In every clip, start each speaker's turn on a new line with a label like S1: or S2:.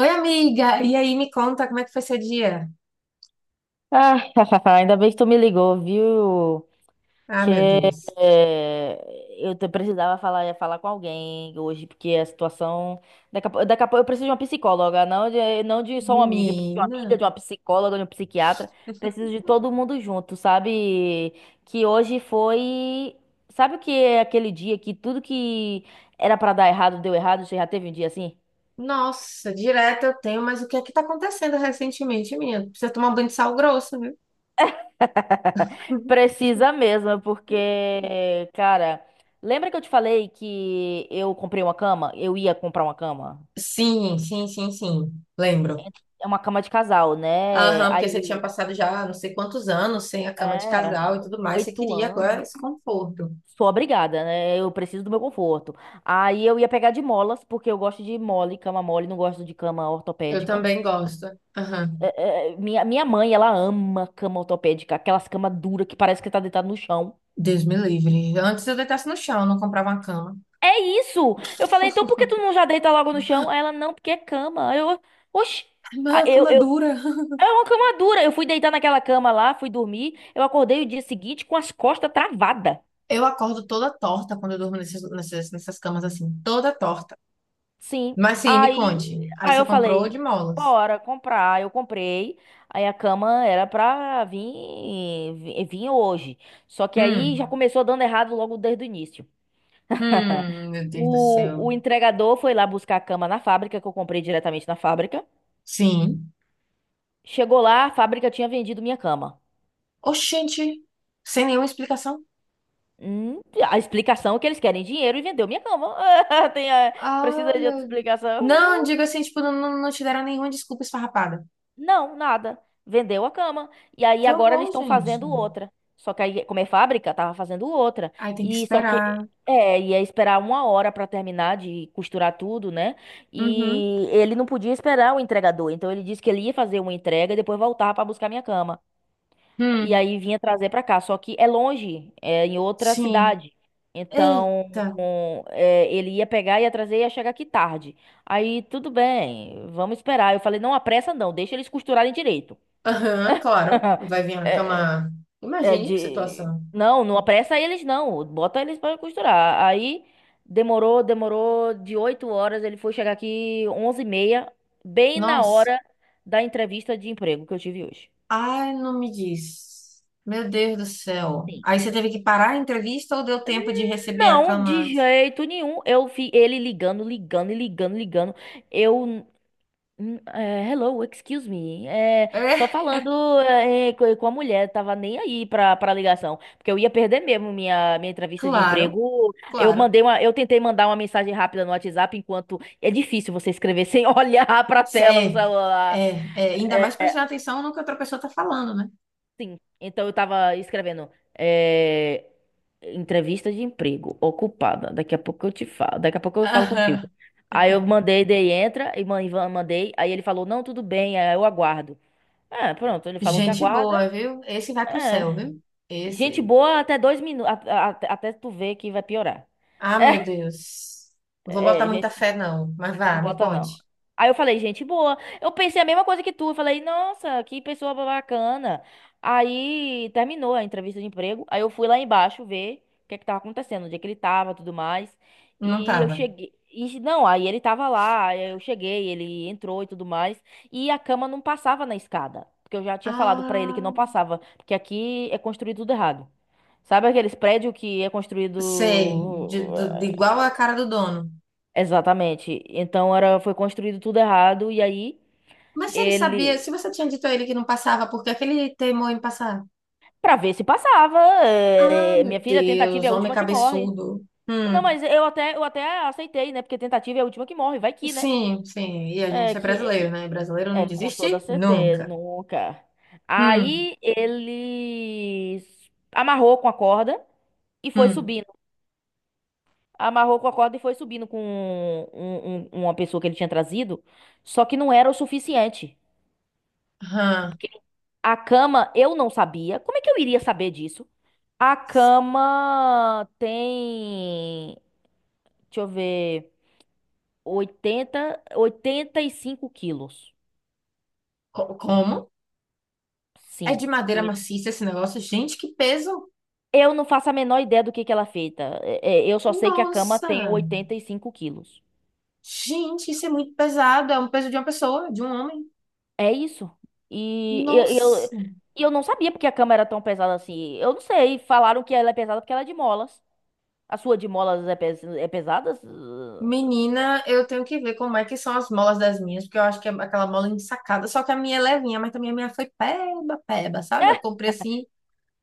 S1: Oi, amiga! E aí, me conta como é que foi seu dia?
S2: Ah, ainda bem que tu me ligou, viu?
S1: Ah, meu
S2: Que
S1: Deus.
S2: eh, precisava falar com alguém hoje, porque a situação. Daqui a pouco eu preciso de uma psicóloga, não de só uma amiga. Eu preciso de uma
S1: Menina,
S2: amiga, de uma psicóloga, de um psiquiatra. Preciso de todo mundo junto, sabe? Que hoje foi. Sabe o que é aquele dia que tudo que era pra dar errado deu errado? Você já teve um dia assim?
S1: nossa, direto eu tenho, mas o que é que tá acontecendo recentemente, menina? Precisa tomar um banho de sal grosso, viu?
S2: Precisa mesmo, porque, cara, lembra que eu te falei que eu comprei uma cama? Eu ia comprar uma cama?
S1: Sim, sim, sim, sim, lembro.
S2: É uma cama de casal, né?
S1: Aham, porque você tinha
S2: Aí,
S1: passado já não sei quantos anos sem a cama de
S2: é,
S1: casal e tudo mais, você
S2: oito
S1: queria agora
S2: anos.
S1: esse conforto.
S2: Sou obrigada, né? Eu preciso do meu conforto. Aí eu ia pegar de molas, porque eu gosto de mole, cama mole, não gosto de cama
S1: Eu
S2: ortopédica.
S1: também gosto. Aham.
S2: Minha mãe, ela ama cama ortopédica, aquelas camas duras que parece que tá deitado no chão.
S1: Deus me livre. Antes eu deitasse no chão, não comprava uma cama.
S2: É isso! Eu falei, então por que tu não já deita logo no chão?
S1: Ah,
S2: Aí ela, não, porque é cama. Aí oxi!
S1: mas
S2: Ah,
S1: a
S2: Eu,
S1: cama é
S2: eu,
S1: dura.
S2: é uma cama dura. Eu fui deitar naquela cama lá, fui dormir. Eu acordei o dia seguinte com as costas travadas.
S1: Eu acordo toda torta quando eu durmo nessas camas assim, toda torta.
S2: Sim.
S1: Mas sim, me
S2: Aí,
S1: conte. Aí
S2: aí
S1: você
S2: eu
S1: comprou
S2: falei,
S1: de molas.
S2: bora comprar. Aí eu comprei. Aí a cama era pra vir hoje. Só que aí já
S1: Hum,
S2: começou dando errado logo desde o início.
S1: meu Deus do
S2: O,
S1: céu.
S2: o entregador foi lá buscar a cama na fábrica, que eu comprei diretamente na fábrica.
S1: Sim.
S2: Chegou lá, a fábrica tinha vendido minha cama.
S1: Oxente, sem nenhuma explicação.
S2: Hum, a explicação é que eles querem dinheiro e vendeu minha cama. Tem,
S1: Ah,
S2: precisa de outra
S1: meu Deus.
S2: explicação?
S1: Não, digo assim, tipo, não, não não te deram nenhuma desculpa esfarrapada.
S2: Não, nada. Vendeu a cama. E aí
S1: Que
S2: agora eles
S1: horror,
S2: estão
S1: gente.
S2: fazendo outra. Só que aí, como é fábrica, tava fazendo outra.
S1: Aí tem que
S2: E só que.
S1: esperar.
S2: É, ia esperar uma hora pra terminar de costurar tudo, né?
S1: Uhum.
S2: E ele não podia esperar o entregador. Então ele disse que ele ia fazer uma entrega e depois voltava pra buscar minha cama. E
S1: Hum,
S2: aí vinha trazer pra cá. Só que é longe, é em outra
S1: sim.
S2: cidade. Então,
S1: Eita.
S2: ele ia pegar, ia trazer, ia chegar aqui tarde. Aí, tudo bem, vamos esperar. Eu falei, não apressa não, deixa eles costurarem direito.
S1: Aham, claro. Vai vir a cama.
S2: É,
S1: Imagine que situação.
S2: Não, não apressa eles não, bota eles pra costurar. Aí, demorou, demorou, de 8 horas, ele foi chegar aqui 11h30, bem na
S1: Nossa.
S2: hora da entrevista de emprego que eu tive hoje.
S1: Ai, não me diz. Meu Deus do céu.
S2: Sim.
S1: Aí você teve que parar a entrevista ou deu tempo de receber a
S2: Não,
S1: cama
S2: de
S1: antes?
S2: jeito nenhum. Eu vi ele ligando, ligando e ligando, ligando. Eu. Hello, excuse me.
S1: É,
S2: Só falando com a mulher, tava nem aí pra ligação. Porque eu ia perder mesmo minha entrevista de
S1: claro,
S2: emprego. Eu
S1: claro.
S2: mandei uma, eu tentei mandar uma mensagem rápida no WhatsApp, enquanto é difícil você escrever sem olhar pra tela do
S1: É,
S2: celular.
S1: é, é. Ainda
S2: É,
S1: mais prestando atenção no que outra pessoa tá falando, né?
S2: sim. Então eu tava escrevendo. é, Entrevista de emprego, ocupada. Daqui a pouco eu te falo. Daqui a pouco eu falo contigo.
S1: Aham.
S2: Aí eu mandei, dei Ivan mandei. Aí ele falou, não, tudo bem, aí eu aguardo. É, pronto, ele falou que
S1: Gente
S2: aguarda.
S1: boa, viu? Esse vai pro céu,
S2: É.
S1: viu?
S2: Gente
S1: Esse.
S2: boa até 2 minutos, até tu ver que vai piorar.
S1: Ah, meu Deus. Não vou botar
S2: É,
S1: muita
S2: gente
S1: fé, não. Mas
S2: Não
S1: vá, me
S2: bota, não.
S1: conte.
S2: Aí eu falei, gente boa. Eu pensei a mesma coisa que tu. Eu falei, nossa, que pessoa bacana. Aí terminou a entrevista de emprego. Aí eu fui lá embaixo ver o que é que tava acontecendo, onde é que ele tava, tudo mais.
S1: Não
S2: E eu
S1: tava.
S2: cheguei. E, não, aí ele tava lá, aí eu cheguei, ele entrou e tudo mais. E a cama não passava na escada. Porque eu já tinha falado pra ele que
S1: Ah,
S2: não passava. Porque aqui é construído tudo errado. Sabe aqueles prédios que é construído.
S1: sei. De, de igual a cara do dono.
S2: Exatamente. Então era, foi construído tudo errado e aí
S1: Mas se ele sabia,
S2: ele,
S1: se você tinha dito a ele que não passava, por que é que ele teimou em passar?
S2: pra ver se passava,
S1: Ah, meu
S2: minha filha, tentativa é
S1: Deus,
S2: a
S1: homem
S2: última que morre.
S1: cabeçudo.
S2: Não, mas eu até aceitei, né? Porque tentativa é a última que morre, vai que, né?
S1: Sim, sim. E a
S2: É
S1: gente é brasileiro,
S2: que
S1: né? Brasileiro não
S2: é, com toda
S1: desiste
S2: certeza,
S1: nunca.
S2: nunca.
S1: Hum,
S2: Aí ele amarrou com a corda e foi
S1: hum,
S2: subindo. Amarrou com a corda e foi subindo com uma pessoa que ele tinha trazido, só que não era o suficiente.
S1: hã.
S2: A cama, eu não sabia. Como é que eu iria saber disso? A cama tem, deixa eu ver, 85 quilos.
S1: Co- Como? É
S2: Sim.
S1: de madeira
S2: Oi.
S1: maciça esse negócio? Gente, que peso!
S2: Eu não faço a menor ideia do que ela é feita. Eu só sei que a cama tem
S1: Nossa!
S2: 85 quilos.
S1: Gente, isso é muito pesado. É um peso de uma pessoa, de um homem.
S2: É isso. E eu, eu,
S1: Nossa!
S2: e eu não sabia porque a cama era tão pesada assim. Eu não sei. Falaram que ela é pesada porque ela é de molas. A sua de molas é pesada?
S1: Menina, eu tenho que ver como é que são as molas das minhas, porque eu acho que é aquela mola ensacada, só que a minha é levinha, mas também a minha foi peba, peba, sabe? Eu comprei assim,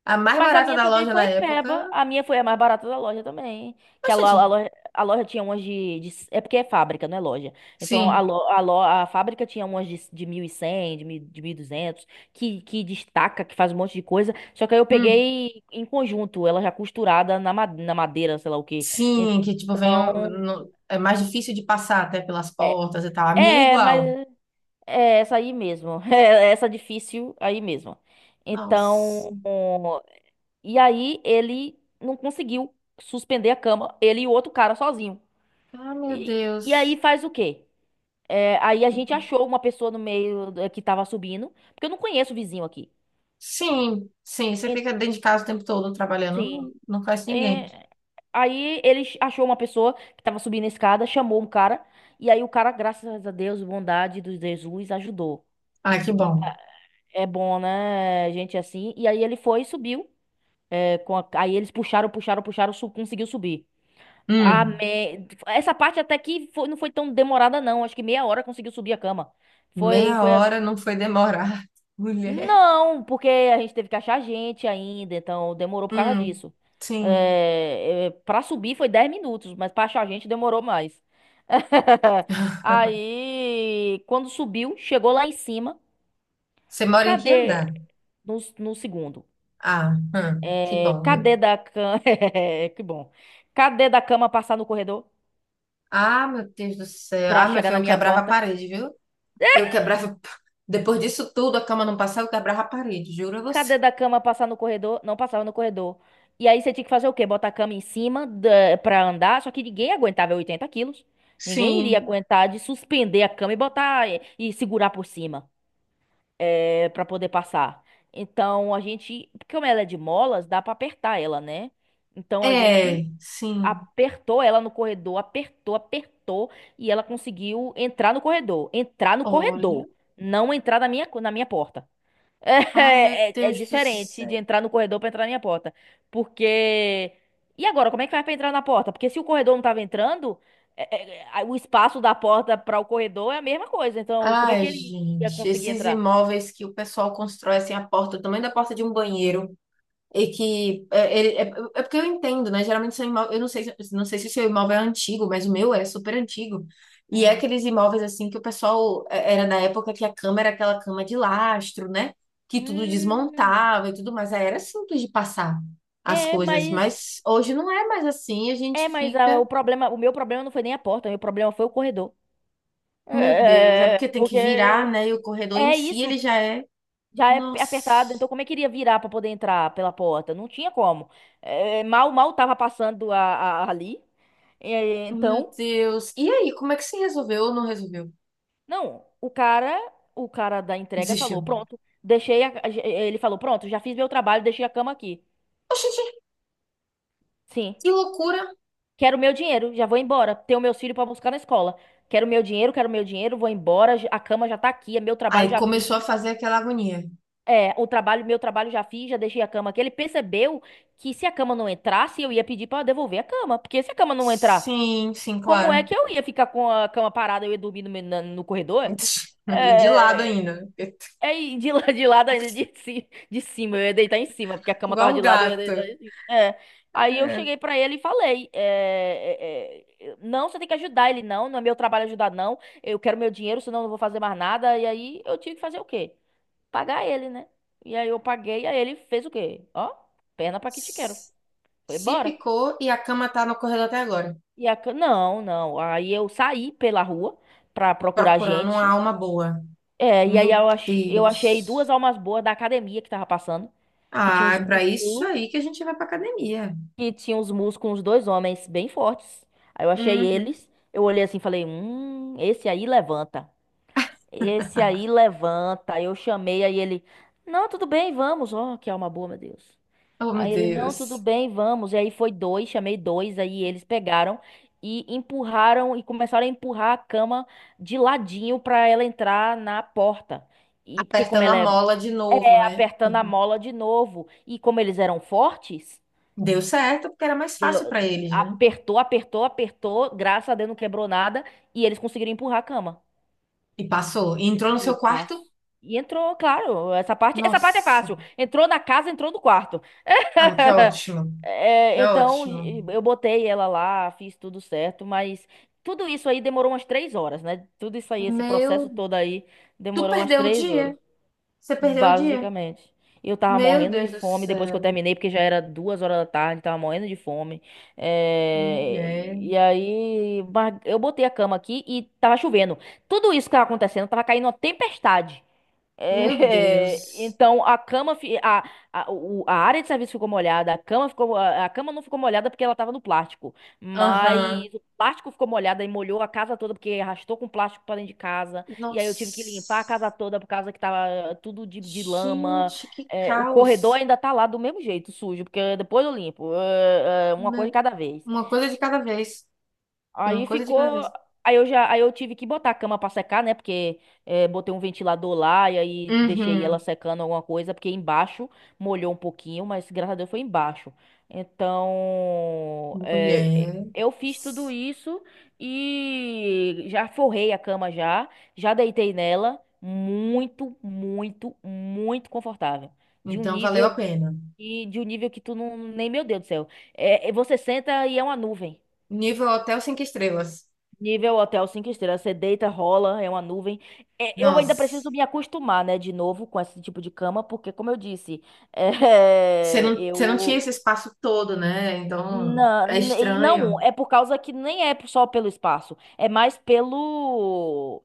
S1: a mais
S2: Mas a
S1: barata
S2: minha
S1: da
S2: também
S1: loja na
S2: foi peba.
S1: época.
S2: A minha foi a mais barata da loja também. Que
S1: Mas, gente,
S2: a loja tinha É porque é fábrica, não é loja. Então
S1: sim,
S2: a fábrica tinha umas de 1.100, de 1.200 que destaca, que faz um monte de coisa. Só que aí eu
S1: hum,
S2: peguei em conjunto, ela já costurada na, na madeira, sei lá o quê.
S1: sim, que tipo, vem,
S2: Então.
S1: é mais difícil de passar até pelas portas e tal. A minha é
S2: É, mas.
S1: igual.
S2: É essa aí mesmo. É essa difícil aí mesmo. Então.
S1: Nossa,
S2: E aí ele não conseguiu suspender a cama, ele e o outro cara sozinho.
S1: ah, meu
S2: E aí
S1: Deus.
S2: faz o quê? É, aí a gente achou uma pessoa no meio que tava subindo, porque eu não conheço o vizinho aqui.
S1: Sim, sim, você
S2: E-
S1: fica dentro de casa o tempo todo trabalhando,
S2: sim.
S1: não, não conhece ninguém.
S2: É, aí achou uma pessoa que tava subindo a escada, chamou um cara, e aí o cara, graças a Deus, bondade do Jesus, ajudou.
S1: Ah, que
S2: E
S1: bom.
S2: é bom, né, gente, assim. E aí ele foi e subiu. Aí eles puxaram, puxaram, puxaram, conseguiu subir.
S1: Hum,
S2: Essa parte até que não foi tão demorada, não. Acho que meia hora conseguiu subir a cama. Foi,
S1: meia
S2: foi a-
S1: hora não foi demorar, mulher.
S2: Não, porque a gente teve que achar gente ainda, então demorou por causa
S1: Hum,
S2: disso.
S1: sim.
S2: Pra subir foi 10 minutos, mas pra achar gente demorou mais. Aí, quando subiu, chegou lá em cima.
S1: Você mora em que
S2: Cadê?
S1: andar?
S2: No segundo.
S1: Ah, que
S2: É...
S1: bom, viu?
S2: Cadê da cama? Que bom. Cadê da cama passar no corredor
S1: Ah, meu Deus do céu.
S2: pra
S1: Ah, meu
S2: chegar
S1: filho,
S2: na
S1: eu
S2: minha
S1: quebrava a
S2: porta?
S1: parede, viu? Eu quebrava. Depois disso tudo, a cama não passava, eu quebrava a parede, juro a você.
S2: Cadê da cama passar no corredor? Não passava no corredor. E aí você tinha que fazer o quê? Botar a cama em cima pra andar, só que ninguém aguentava 80 quilos. Ninguém iria
S1: Sim,
S2: aguentar de suspender a cama e e segurar por cima para poder passar. Então a gente, porque como ela é de molas, dá pra apertar ela, né? Então a
S1: é,
S2: gente
S1: sim.
S2: apertou ela no corredor, apertou, apertou e ela conseguiu entrar no
S1: Olha.
S2: corredor, não entrar na minha porta.
S1: Ah, meu
S2: É
S1: Deus do
S2: diferente de
S1: céu.
S2: entrar no corredor pra entrar na minha porta. Porque. E agora, como é que faz pra entrar na porta? Porque se o corredor não tava entrando, o espaço da porta pra o corredor é a mesma coisa. Então, como é
S1: Ai,
S2: que ele ia
S1: gente,
S2: conseguir
S1: esses
S2: entrar?
S1: imóveis que o pessoal constrói assim, a porta, o tamanho da porta de um banheiro. E que é, é, é porque eu entendo, né? Geralmente são imóveis, eu não sei, não sei se o seu imóvel é antigo, mas o meu é super antigo. E é
S2: Hum.
S1: aqueles imóveis assim que o pessoal é, era na época que a cama era aquela cama de lastro, né? Que tudo
S2: Hum.
S1: desmontava e tudo mais. Aí era simples de passar as
S2: É,
S1: coisas,
S2: mas.
S1: mas hoje não é mais assim. A
S2: É,
S1: gente
S2: mas ah,
S1: fica,
S2: o meu problema não foi nem a porta, o meu problema foi o corredor.
S1: meu Deus, é
S2: É,
S1: porque tem que virar,
S2: porque.
S1: né? E o corredor em
S2: É
S1: si
S2: isso,
S1: ele já é,
S2: já é
S1: nossa,
S2: apertado, então como é que iria virar para poder entrar pela porta? Não tinha como. Mal tava passando ali. É,
S1: meu
S2: então,
S1: Deus. E aí, como é que se resolveu ou não resolveu?
S2: não, o cara da entrega falou,
S1: Desistiu.
S2: pronto, deixei ele falou, pronto, já fiz meu trabalho, deixei a cama aqui.
S1: Oxente,
S2: Sim.
S1: que loucura!
S2: Quero meu dinheiro, já vou embora. Tenho meus filhos para buscar na escola. Quero meu dinheiro, vou embora, a cama já tá aqui, é meu trabalho
S1: Aí
S2: já
S1: começou a
S2: fiz.
S1: fazer aquela agonia.
S2: É, meu trabalho já fiz, já deixei a cama aqui. Ele percebeu que se a cama não entrasse, eu ia pedir pra devolver a cama. Porque se a cama não entrar,
S1: Sim, sim,
S2: como é
S1: claro.
S2: que eu ia ficar com a cama parada, eu ia dormir no corredor?
S1: E de lado
S2: É,
S1: ainda,
S2: é de lado ainda, de cima, eu ia deitar em cima, porque a cama tava
S1: igual um
S2: de lado, eu ia
S1: gato.
S2: deitar em cima. É. Aí eu
S1: É.
S2: cheguei pra ele e falei: Não, você tem que ajudar ele, não. Não é meu trabalho ajudar, não. Eu quero meu dinheiro, senão eu não vou fazer mais nada. E aí eu tive que fazer o quê? Pagar ele, né? E aí eu paguei, aí ele fez o quê? Ó, perna pra que te quero.
S1: S-
S2: Foi
S1: Se
S2: embora.
S1: picou e a cama tá no corredor até agora,
S2: Não, não. Aí eu saí pela rua pra procurar
S1: procurando uma
S2: gente.
S1: alma boa.
S2: É, e aí
S1: Meu
S2: eu achei duas
S1: Deus.
S2: almas boas da academia que tava passando, que tinha
S1: Ah,
S2: uns
S1: é pra isso
S2: músculos,
S1: aí que a gente vai pra academia.
S2: uns dois homens bem fortes. Aí eu achei
S1: Uhum.
S2: eles, eu olhei assim e falei, esse aí levanta. Esse aí levanta. Aí eu chamei, aí ele, não, tudo bem, vamos. Ó, que alma boa, meu Deus.
S1: Oh, meu
S2: Aí ele, não, tudo
S1: Deus.
S2: bem, vamos. E aí foi dois, chamei dois, aí eles pegaram e empurraram e começaram a empurrar a cama de ladinho pra ela entrar na porta. E porque como
S1: Apertando a
S2: ela é,
S1: mola de novo,
S2: é
S1: né?
S2: apertando a mola de novo, e como eles eram fortes,
S1: Deu certo porque era mais fácil pra
S2: deu-
S1: eles, né?
S2: apertou, apertou, apertou, graças a Deus não quebrou nada, e eles conseguiram empurrar a cama.
S1: E passou. E entrou no
S2: E
S1: seu quarto.
S2: passo. E entrou, claro, essa parte é
S1: Nossa.
S2: fácil. Entrou na casa, entrou no quarto.
S1: Ah, que ótimo. Que
S2: É, então
S1: ótimo.
S2: eu botei ela lá, fiz tudo certo, mas tudo isso aí demorou umas 3 horas, né? Tudo isso aí, esse
S1: Meu,
S2: processo todo aí,
S1: tu
S2: demorou umas
S1: perdeu o
S2: três horas,
S1: dia. Você perdeu o dia.
S2: basicamente. Eu tava
S1: Meu
S2: morrendo de
S1: Deus do
S2: fome depois que eu
S1: céu.
S2: terminei, porque já era 2 horas da tarde, tava morrendo de fome. É,
S1: Mulher.
S2: e aí, mas eu botei a cama aqui e tava chovendo. Tudo isso que tava acontecendo, tava caindo uma tempestade.
S1: Meu
S2: É,
S1: Deus.
S2: então a cama, a área de serviço ficou molhada, a cama não ficou molhada porque ela tava no plástico, mas
S1: Aham.
S2: o plástico ficou molhado e molhou a casa toda porque arrastou com plástico para dentro de casa. E aí eu tive que limpar a casa
S1: Nossa.
S2: toda por causa que tava tudo de lama.
S1: Gente, que
S2: É, o corredor
S1: caos.
S2: ainda tá lá do mesmo jeito, sujo, porque depois eu limpo, É, uma coisa de
S1: Meu-
S2: cada vez.
S1: Uma coisa de cada vez. Uma
S2: Aí
S1: coisa de cada
S2: ficou.
S1: vez.
S2: Aí eu tive que botar a cama pra secar, né? Porque botei um ventilador lá e aí deixei ela
S1: Uhum.
S2: secando alguma coisa, porque embaixo molhou um pouquinho, mas graças a Deus foi embaixo. Então,
S1: Mulher.
S2: eu fiz tudo isso e já forrei a cama já, já deitei nela, muito, muito, muito confortável, de um
S1: Então valeu
S2: nível
S1: a pena.
S2: de um nível que tu não, nem meu Deus do céu. É, você senta e é uma nuvem.
S1: Nível hotel cinco estrelas.
S2: Nível hotel 5 estrelas, você deita, rola, é uma nuvem. É, eu ainda
S1: Nossa.
S2: preciso me acostumar, né, de novo com esse tipo de cama, porque, como eu disse, é,
S1: Você não tinha
S2: eu.
S1: esse espaço todo, né? Então
S2: Não,
S1: é estranho.
S2: não, é por causa que nem é só pelo espaço, é mais pelo.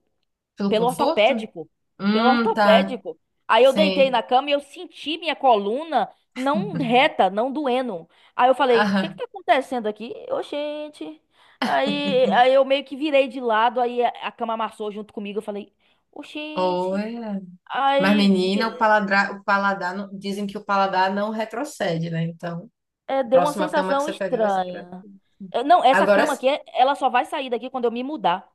S1: Pelo
S2: Pelo
S1: conforto?
S2: ortopédico. Pelo
S1: Tá.
S2: ortopédico. Aí eu deitei
S1: Sim.
S2: na cama e eu senti minha coluna não reta, não doendo. Aí eu falei, o que que
S1: Aham.
S2: tá acontecendo aqui? Ô, gente. Aí, eu meio que virei de lado, aí a cama amassou junto comigo. Eu falei, ô, gente.
S1: Olha. Mas,
S2: Aí
S1: menina, o paladar dizem que o paladar não retrocede, né? Então,
S2: é, deu uma
S1: próxima cama que
S2: sensação
S1: você pegar vai ser pra...
S2: estranha.
S1: ti.
S2: É, não, essa
S1: Agora,
S2: cama aqui, ela só vai sair daqui quando eu me mudar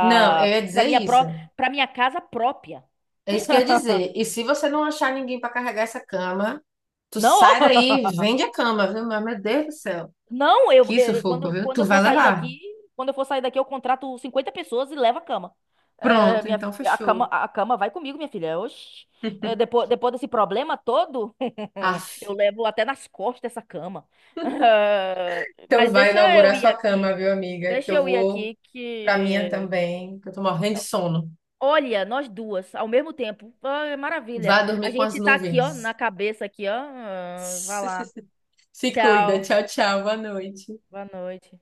S1: não, eu ia
S2: pra
S1: dizer
S2: minha
S1: isso.
S2: pró, pra minha casa própria.
S1: É isso que eu ia dizer. E se você não achar ninguém para carregar essa cama, tu
S2: Não,
S1: sai daí e vende a cama, viu? Mas, meu Deus do céu.
S2: Não, eu,
S1: Que sufoco, viu? Tu vai levar.
S2: quando eu for sair daqui, eu contrato 50 pessoas e levo a cama. Eh,
S1: Pronto,
S2: minha, fi-
S1: então
S2: a cama,
S1: fechou.
S2: a cama vai comigo, minha filha. Oxi. Eh, depois, depois desse problema todo, eu
S1: Aff.
S2: levo até nas costas essa cama. Eh,
S1: Então
S2: mas
S1: vai
S2: deixa eu
S1: inaugurar
S2: ir
S1: sua
S2: aqui.
S1: cama, viu, amiga? Que
S2: Deixa
S1: eu
S2: eu ir
S1: vou
S2: aqui
S1: pra minha
S2: que.
S1: também, que eu tô morrendo de sono.
S2: Olha, nós duas, ao mesmo tempo. Ah, maravilha.
S1: Vá
S2: A
S1: dormir com as
S2: gente tá aqui, ó,
S1: nuvens.
S2: na cabeça aqui, ó. Ah, vai lá.
S1: Se cuida.
S2: Tchau.
S1: Tchau, tchau. Boa noite.
S2: Boa noite.